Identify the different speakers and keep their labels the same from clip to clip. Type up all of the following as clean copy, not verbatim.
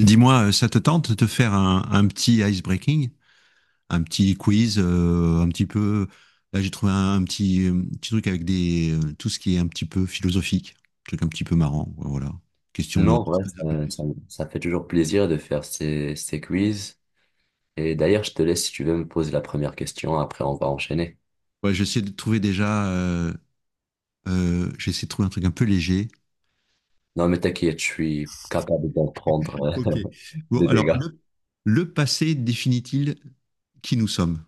Speaker 1: Dis-moi, ça te tente de te faire un petit breaking, un petit quiz, un petit peu. Là, j'ai trouvé un petit, petit truc avec tout ce qui est un petit peu philosophique, un truc un petit peu marrant. Voilà. Question de
Speaker 2: Non,
Speaker 1: se
Speaker 2: ouais,
Speaker 1: connaître un peu
Speaker 2: ça, ça-
Speaker 1: plus.
Speaker 2: ça fait toujours plaisir de faire ces quiz. Et d'ailleurs, je te laisse si tu veux me poser la première question, après on va enchaîner.
Speaker 1: Ouais, j'essaie de trouver déjà. J'essaie de trouver un truc un peu léger.
Speaker 2: Non, mais t'inquiète, je suis capable d'en prendre
Speaker 1: Ok. Bon,
Speaker 2: des
Speaker 1: alors,
Speaker 2: dégâts.
Speaker 1: le passé définit-il qui nous sommes?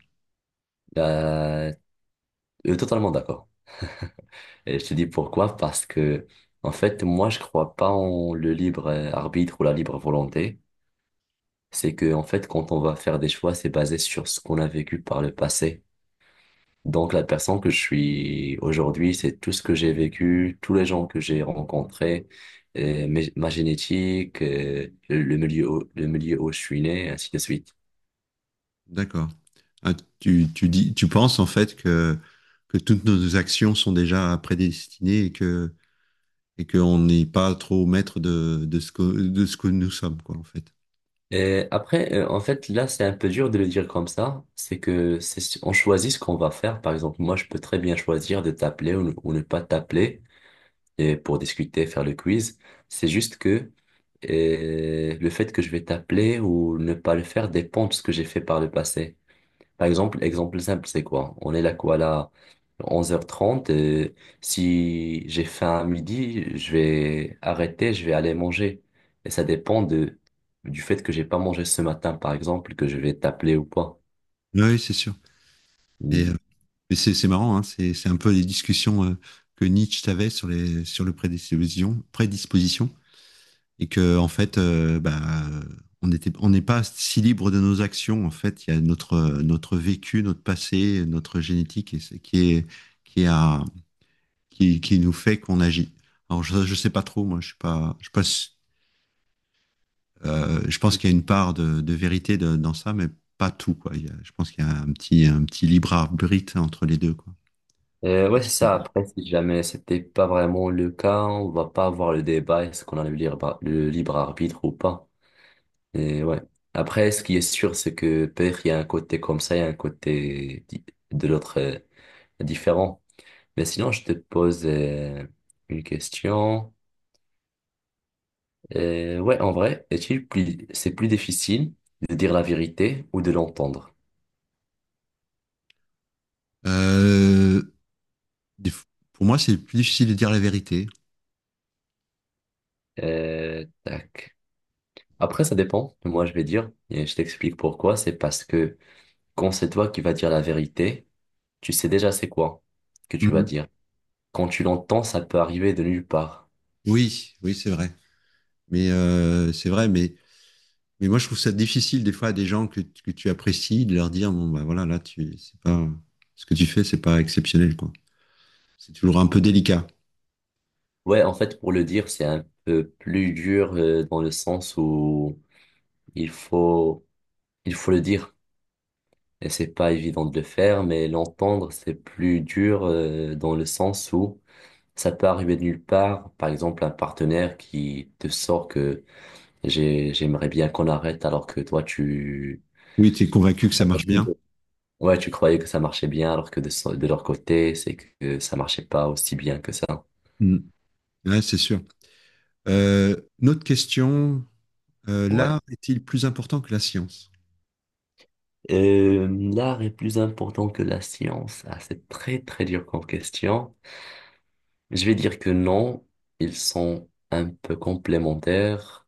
Speaker 2: Euh, Totalement d'accord. Et je te dis pourquoi, parce que, en fait, moi, je crois pas en le libre arbitre ou la libre volonté. C'est que, en fait, quand on va faire des choix, c'est basé sur ce qu'on a vécu par le passé. Donc la personne que je suis aujourd'hui, c'est tout ce que j'ai vécu, tous les gens que j'ai rencontrés, ma génétique, le milieu, le milieu où je suis né, ainsi de suite.
Speaker 1: D'accord. Ah, tu dis, tu penses en fait que toutes nos actions sont déjà prédestinées et qu'on n'est pas trop maître de ce que nous sommes, quoi, en fait.
Speaker 2: Et après, en fait, là, c'est un peu dur de le dire comme ça. C'est que c'est, on choisit ce qu'on va faire. Par exemple, moi, je peux très bien choisir de t'appeler ou ne pas t'appeler et pour discuter, faire le quiz. C'est juste que le fait que je vais t'appeler ou ne pas le faire dépend de ce que j'ai fait par le passé. Par exemple, exemple simple, c'est quoi? On est là quoi là 11h30. Et si j'ai faim à midi, je vais arrêter, je vais aller manger. Et ça dépend de du fait que j'ai pas mangé ce matin, par exemple, que je vais t'appeler ou pas.
Speaker 1: Oui, oui, c'est sûr.
Speaker 2: Mm.
Speaker 1: Et, euh, mais c'est marrant, hein, c'est un peu les discussions que Nietzsche avait sur les sur le prédisposition, prédisposition et que en fait, bah, on n'est pas si libre de nos actions. En fait, il y a notre notre vécu, notre passé, notre génétique et c'est- qui est qui a qui, qui nous fait qu'on agit. Alors je sais pas trop, moi, je suis pas. Je pense qu'il y a une part de vérité dans ça, mais pas tout, quoi. Je pense qu'il y a un petit libre arbitre entre les deux, quoi.
Speaker 2: Ouais, c'est ça. Après, si jamais c'était pas vraiment le cas, on va pas avoir le débat, est-ce qu'on a le libre arbitre ou pas. Et ouais. Après, ce qui est sûr, c'est que peut-être il y a un côté comme ça, il y a un côté de l'autre différent. Mais sinon, je te pose une question. Ouais, en vrai, c'est plus difficile de dire la vérité ou de l'entendre?
Speaker 1: Euh, pour moi, c'est plus difficile de dire la vérité.
Speaker 2: Tac. Après, ça dépend. Moi, je vais dire, et je t'explique pourquoi. C'est parce que quand c'est toi qui vas dire la vérité, tu sais déjà c'est quoi que tu vas
Speaker 1: Mm-hmm.
Speaker 2: dire. Quand tu l'entends, ça peut arriver de nulle part.
Speaker 1: Oui, oui, c'est vrai. Mais c'est vrai, mais moi, je trouve ça difficile des fois à des gens que tu apprécies de leur dire, bon, bah voilà, là, tu, c'est pas, ce que tu fais, c'est pas exceptionnel, quoi. C'est toujours un peu délicat.
Speaker 2: Ouais, en fait, pour le dire, c'est un peu plus dur dans le sens où il faut, il faut le dire. Et c'est pas évident de le faire, mais l'entendre, c'est plus dur dans le sens où ça peut arriver de nulle part. Par exemple, un partenaire qui te sort que j'aimerais bien qu'on arrête alors que toi, tu,
Speaker 1: Oui, tu es convaincu que ça marche bien.
Speaker 2: ouais, tu croyais que ça marchait bien alors que de leur côté, c'est que ça marchait pas aussi bien que ça.
Speaker 1: Mm. Ouais, c'est sûr. Euh, une autre question:
Speaker 2: Ouais.
Speaker 1: l'art est-il plus important que la science?
Speaker 2: Euh, l'art est plus important que la science. Ah, c'est très très dur comme question. Je vais dire que non, ils sont un peu complémentaires.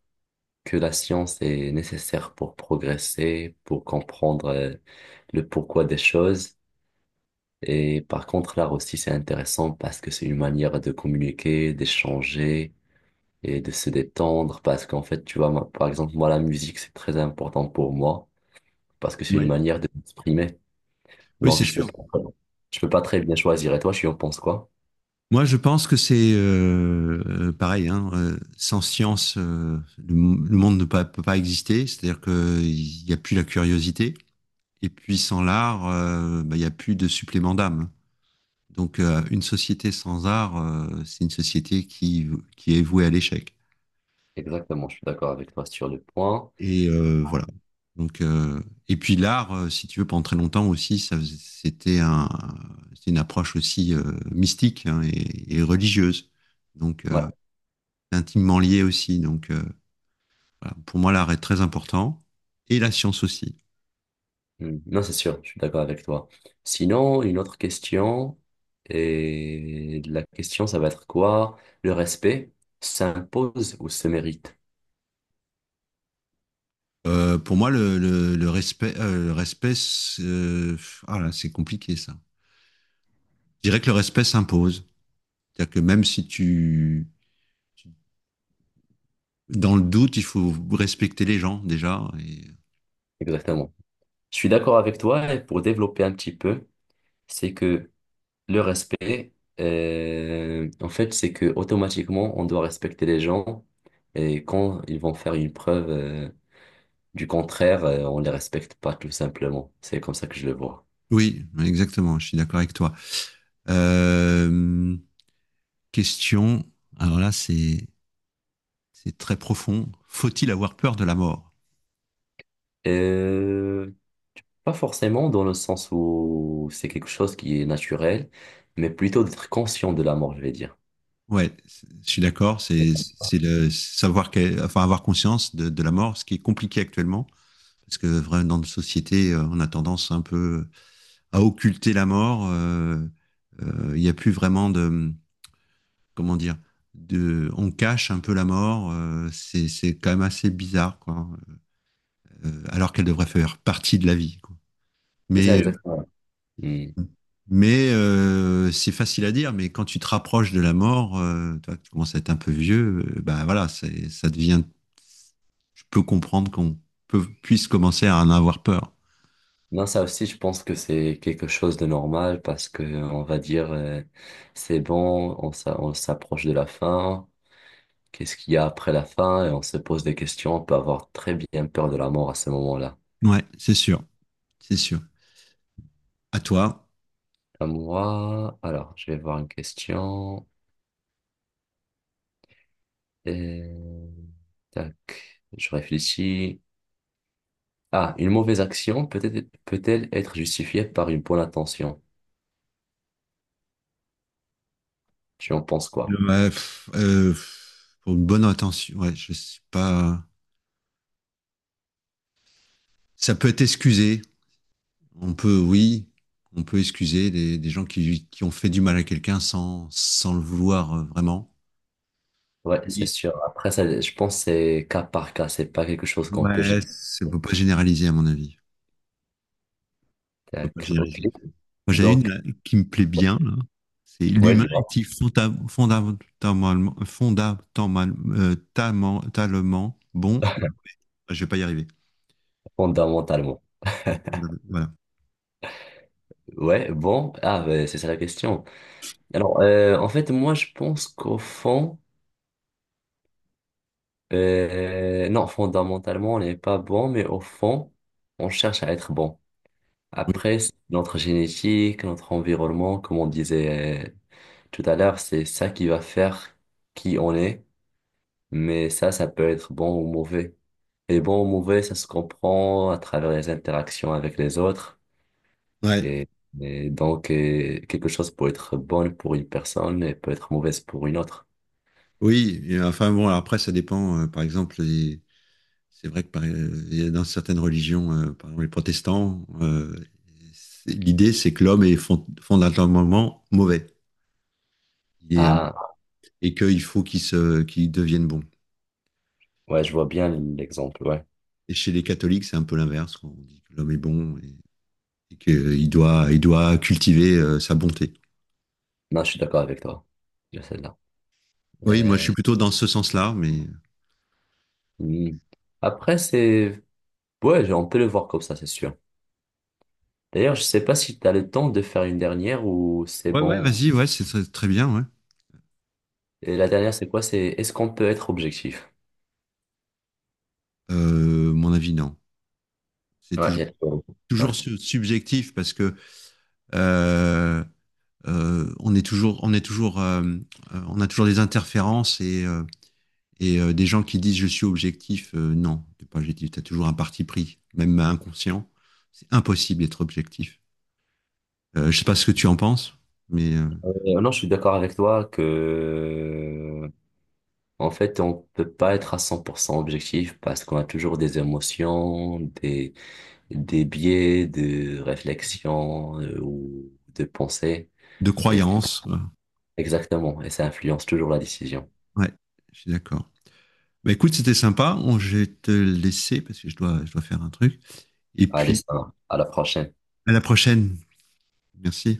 Speaker 2: Que la science est nécessaire pour progresser, pour comprendre le pourquoi des choses. Et par contre, l'art aussi, c'est intéressant parce que c'est une manière de communiquer, d'échanger et de se détendre. Parce qu'en fait, tu vois, moi, par exemple, moi, la musique, c'est très important pour moi parce que c'est une manière de m'exprimer.
Speaker 1: Oui,
Speaker 2: Donc,
Speaker 1: c'est Hmm. sûr.
Speaker 2: je peux pas très bien choisir. Et toi, tu en penses quoi?
Speaker 1: Moi, je pense que c'est pareil, hein. Sans science, le monde ne peut pas exister. C'est-à-dire qu'il n'y a plus la curiosité. Et puis, sans l'art, bah, il n'y a plus de supplément d'âme. Donc, une société sans art, c'est une société qui est vouée à l'échec.
Speaker 2: Exactement, je suis d'accord avec toi sur le point.
Speaker 1: Et voilà. Donc, et puis l'art, si tu veux, pendant très longtemps aussi, c'était c'était une approche aussi mystique, hein, et religieuse, donc
Speaker 2: Ouais.
Speaker 1: intimement lié aussi. Donc voilà. Pour moi, l'art est très important et la science aussi.
Speaker 2: Hmm. Non, c'est sûr, je suis d'accord avec toi. Sinon, une autre question, et la question, ça va être quoi? Le respect s'impose ou se mérite?
Speaker 1: Pour moi, le respect, ah là, c'est compliqué ça. Je dirais que le respect s'impose, c'est-à-dire que même si tu- dans le doute, il faut respecter les gens déjà. Et
Speaker 2: Exactement. Je suis d'accord avec toi, et pour développer un petit peu, c'est que le respect, en fait, c'est que automatiquement, on doit respecter les gens, et quand ils vont faire une preuve, du contraire, on les respecte pas, tout simplement. C'est comme ça que je le vois.
Speaker 1: oui, exactement, je suis d'accord avec toi. Euh, Question, alors là, c'est très profond. Faut-il avoir peur de la mort?
Speaker 2: Euh, Pas forcément dans le sens où c'est quelque chose qui est naturel, mais plutôt d'être conscient de la mort, je vais dire.
Speaker 1: Je suis d'accord, c'est le savoir que, enfin avoir conscience de la mort, ce qui est compliqué actuellement, parce que vraiment dans notre société, on a tendance un peu à occulter la mort. Il n'y a plus vraiment de, comment dire, on cache un peu la mort. C'est quand même assez bizarre, quoi. Alors qu'elle devrait faire partie de la vie, quoi.
Speaker 2: C'est ça
Speaker 1: Mais
Speaker 2: exactement. Hmm.
Speaker 1: euh, mais c'est facile à dire, mais quand tu te rapproches de la mort, toi, que tu commences à être un peu vieux, bah voilà, ça devient. Je peux comprendre qu'on puisse commencer à en avoir peur.
Speaker 2: Non, ça aussi, je pense que c'est quelque chose de normal parce que on va dire c'est bon, on s'approche de la fin. Qu'est-ce qu'il y a après la fin? Et on se pose des questions. On peut avoir très bien peur de la mort à ce moment-là.
Speaker 1: Ouais, c'est sûr, c'est sûr. À toi.
Speaker 2: À moi, alors, je vais voir une question. Euh, Tac, je réfléchis. Ah, une mauvaise action peut-être, peut-elle être justifiée par une bonne intention? Tu en penses quoi?
Speaker 1: Ouais, pff, pff, pour une bonne intention, ouais, je sais pas. Ça peut être excusé. On peut, oui, on peut excuser des gens qui ont fait du mal à quelqu'un sans le vouloir vraiment.
Speaker 2: Ouais, c'est sûr. Après, ça, je pense que c'est cas par cas, c'est pas quelque chose qu'on peut générer.
Speaker 1: On peut pas généraliser, à mon avis. On peut pas
Speaker 2: Tac, ok.
Speaker 1: généraliser. Moi, j'ai une
Speaker 2: Donc,
Speaker 1: là, qui me plaît bien là. C'est:
Speaker 2: ouais,
Speaker 1: l'humain
Speaker 2: dis-moi,
Speaker 1: est-il fonda- fondamentalement, fondamentalement, tamentalement bon? Je vais pas y arriver.
Speaker 2: fondamentalement.
Speaker 1: Voilà.
Speaker 2: Ouais, bon, ah, ben, c'est ça la question. Alors, en fait, moi, je pense qu'au fond, non, fondamentalement, on n'est pas bon, mais au fond, on cherche à être bon.
Speaker 1: Oui.
Speaker 2: Après, c'est notre génétique, notre environnement, comme on disait tout à l'heure, c'est ça qui va faire qui on est, mais ça peut être bon ou mauvais. Et bon ou mauvais, ça se comprend à travers les interactions avec les autres.
Speaker 1: Ouais.
Speaker 2: Et, et donc, quelque chose peut être bonne pour une personne et peut être mauvaise pour une autre.
Speaker 1: Oui. Et enfin bon, alors après ça dépend. Par exemple, c'est vrai que il y a dans certaines religions, par exemple les protestants, l'idée c'est que l'homme est fondamentalement mauvais. Il est-
Speaker 2: Ah,
Speaker 1: et qu'il faut qu'il devienne bon.
Speaker 2: ouais, je vois bien l'exemple, ouais.
Speaker 1: Et chez les catholiques, c'est un peu l'inverse. On dit que l'homme est bon et qu'il doit, il doit cultiver sa bonté.
Speaker 2: Non, je suis d'accord avec toi. Il y a celle-là.
Speaker 1: Oui, moi, je
Speaker 2: Euh,
Speaker 1: suis plutôt dans ce sens-là, mais.
Speaker 2: hmm. Après, c'est... Ouais, on peut le voir comme ça, c'est sûr. D'ailleurs, je sais pas si tu as le temps de faire une dernière ou c'est
Speaker 1: Ouais, ouais,
Speaker 2: bon.
Speaker 1: vas-y, ouais, c'est très, très bien, ouais.
Speaker 2: Et la dernière, c'est quoi? C'est est-ce qu'on peut être objectif?
Speaker 1: Mon avis, non. C'est
Speaker 2: Ouais. Il y
Speaker 1: toujours,
Speaker 2: a- tout. Ouais.
Speaker 1: subjectif, parce que euh, on est toujours, on a toujours des interférences. Et des gens qui disent je suis objectif. Non, t'es pas objectif. T'as toujours un parti pris, même inconscient. C'est impossible d'être objectif. Je sais pas ce que tu en penses, mais
Speaker 2: Non, je suis d'accord avec toi que, en fait, on peut pas être à 100% objectif parce qu'on a toujours des émotions, des biais de réflexion ou de pensée.
Speaker 1: de
Speaker 2: Et,
Speaker 1: croyances.
Speaker 2: exactement. Et ça influence toujours la décision.
Speaker 1: Ouais, je suis d'accord. Bah, écoute, c'était sympa. On, je vais te laisser parce que je dois faire un truc. Et
Speaker 2: Allez,
Speaker 1: puis,
Speaker 2: ça, va. À la prochaine.
Speaker 1: à la prochaine. Merci.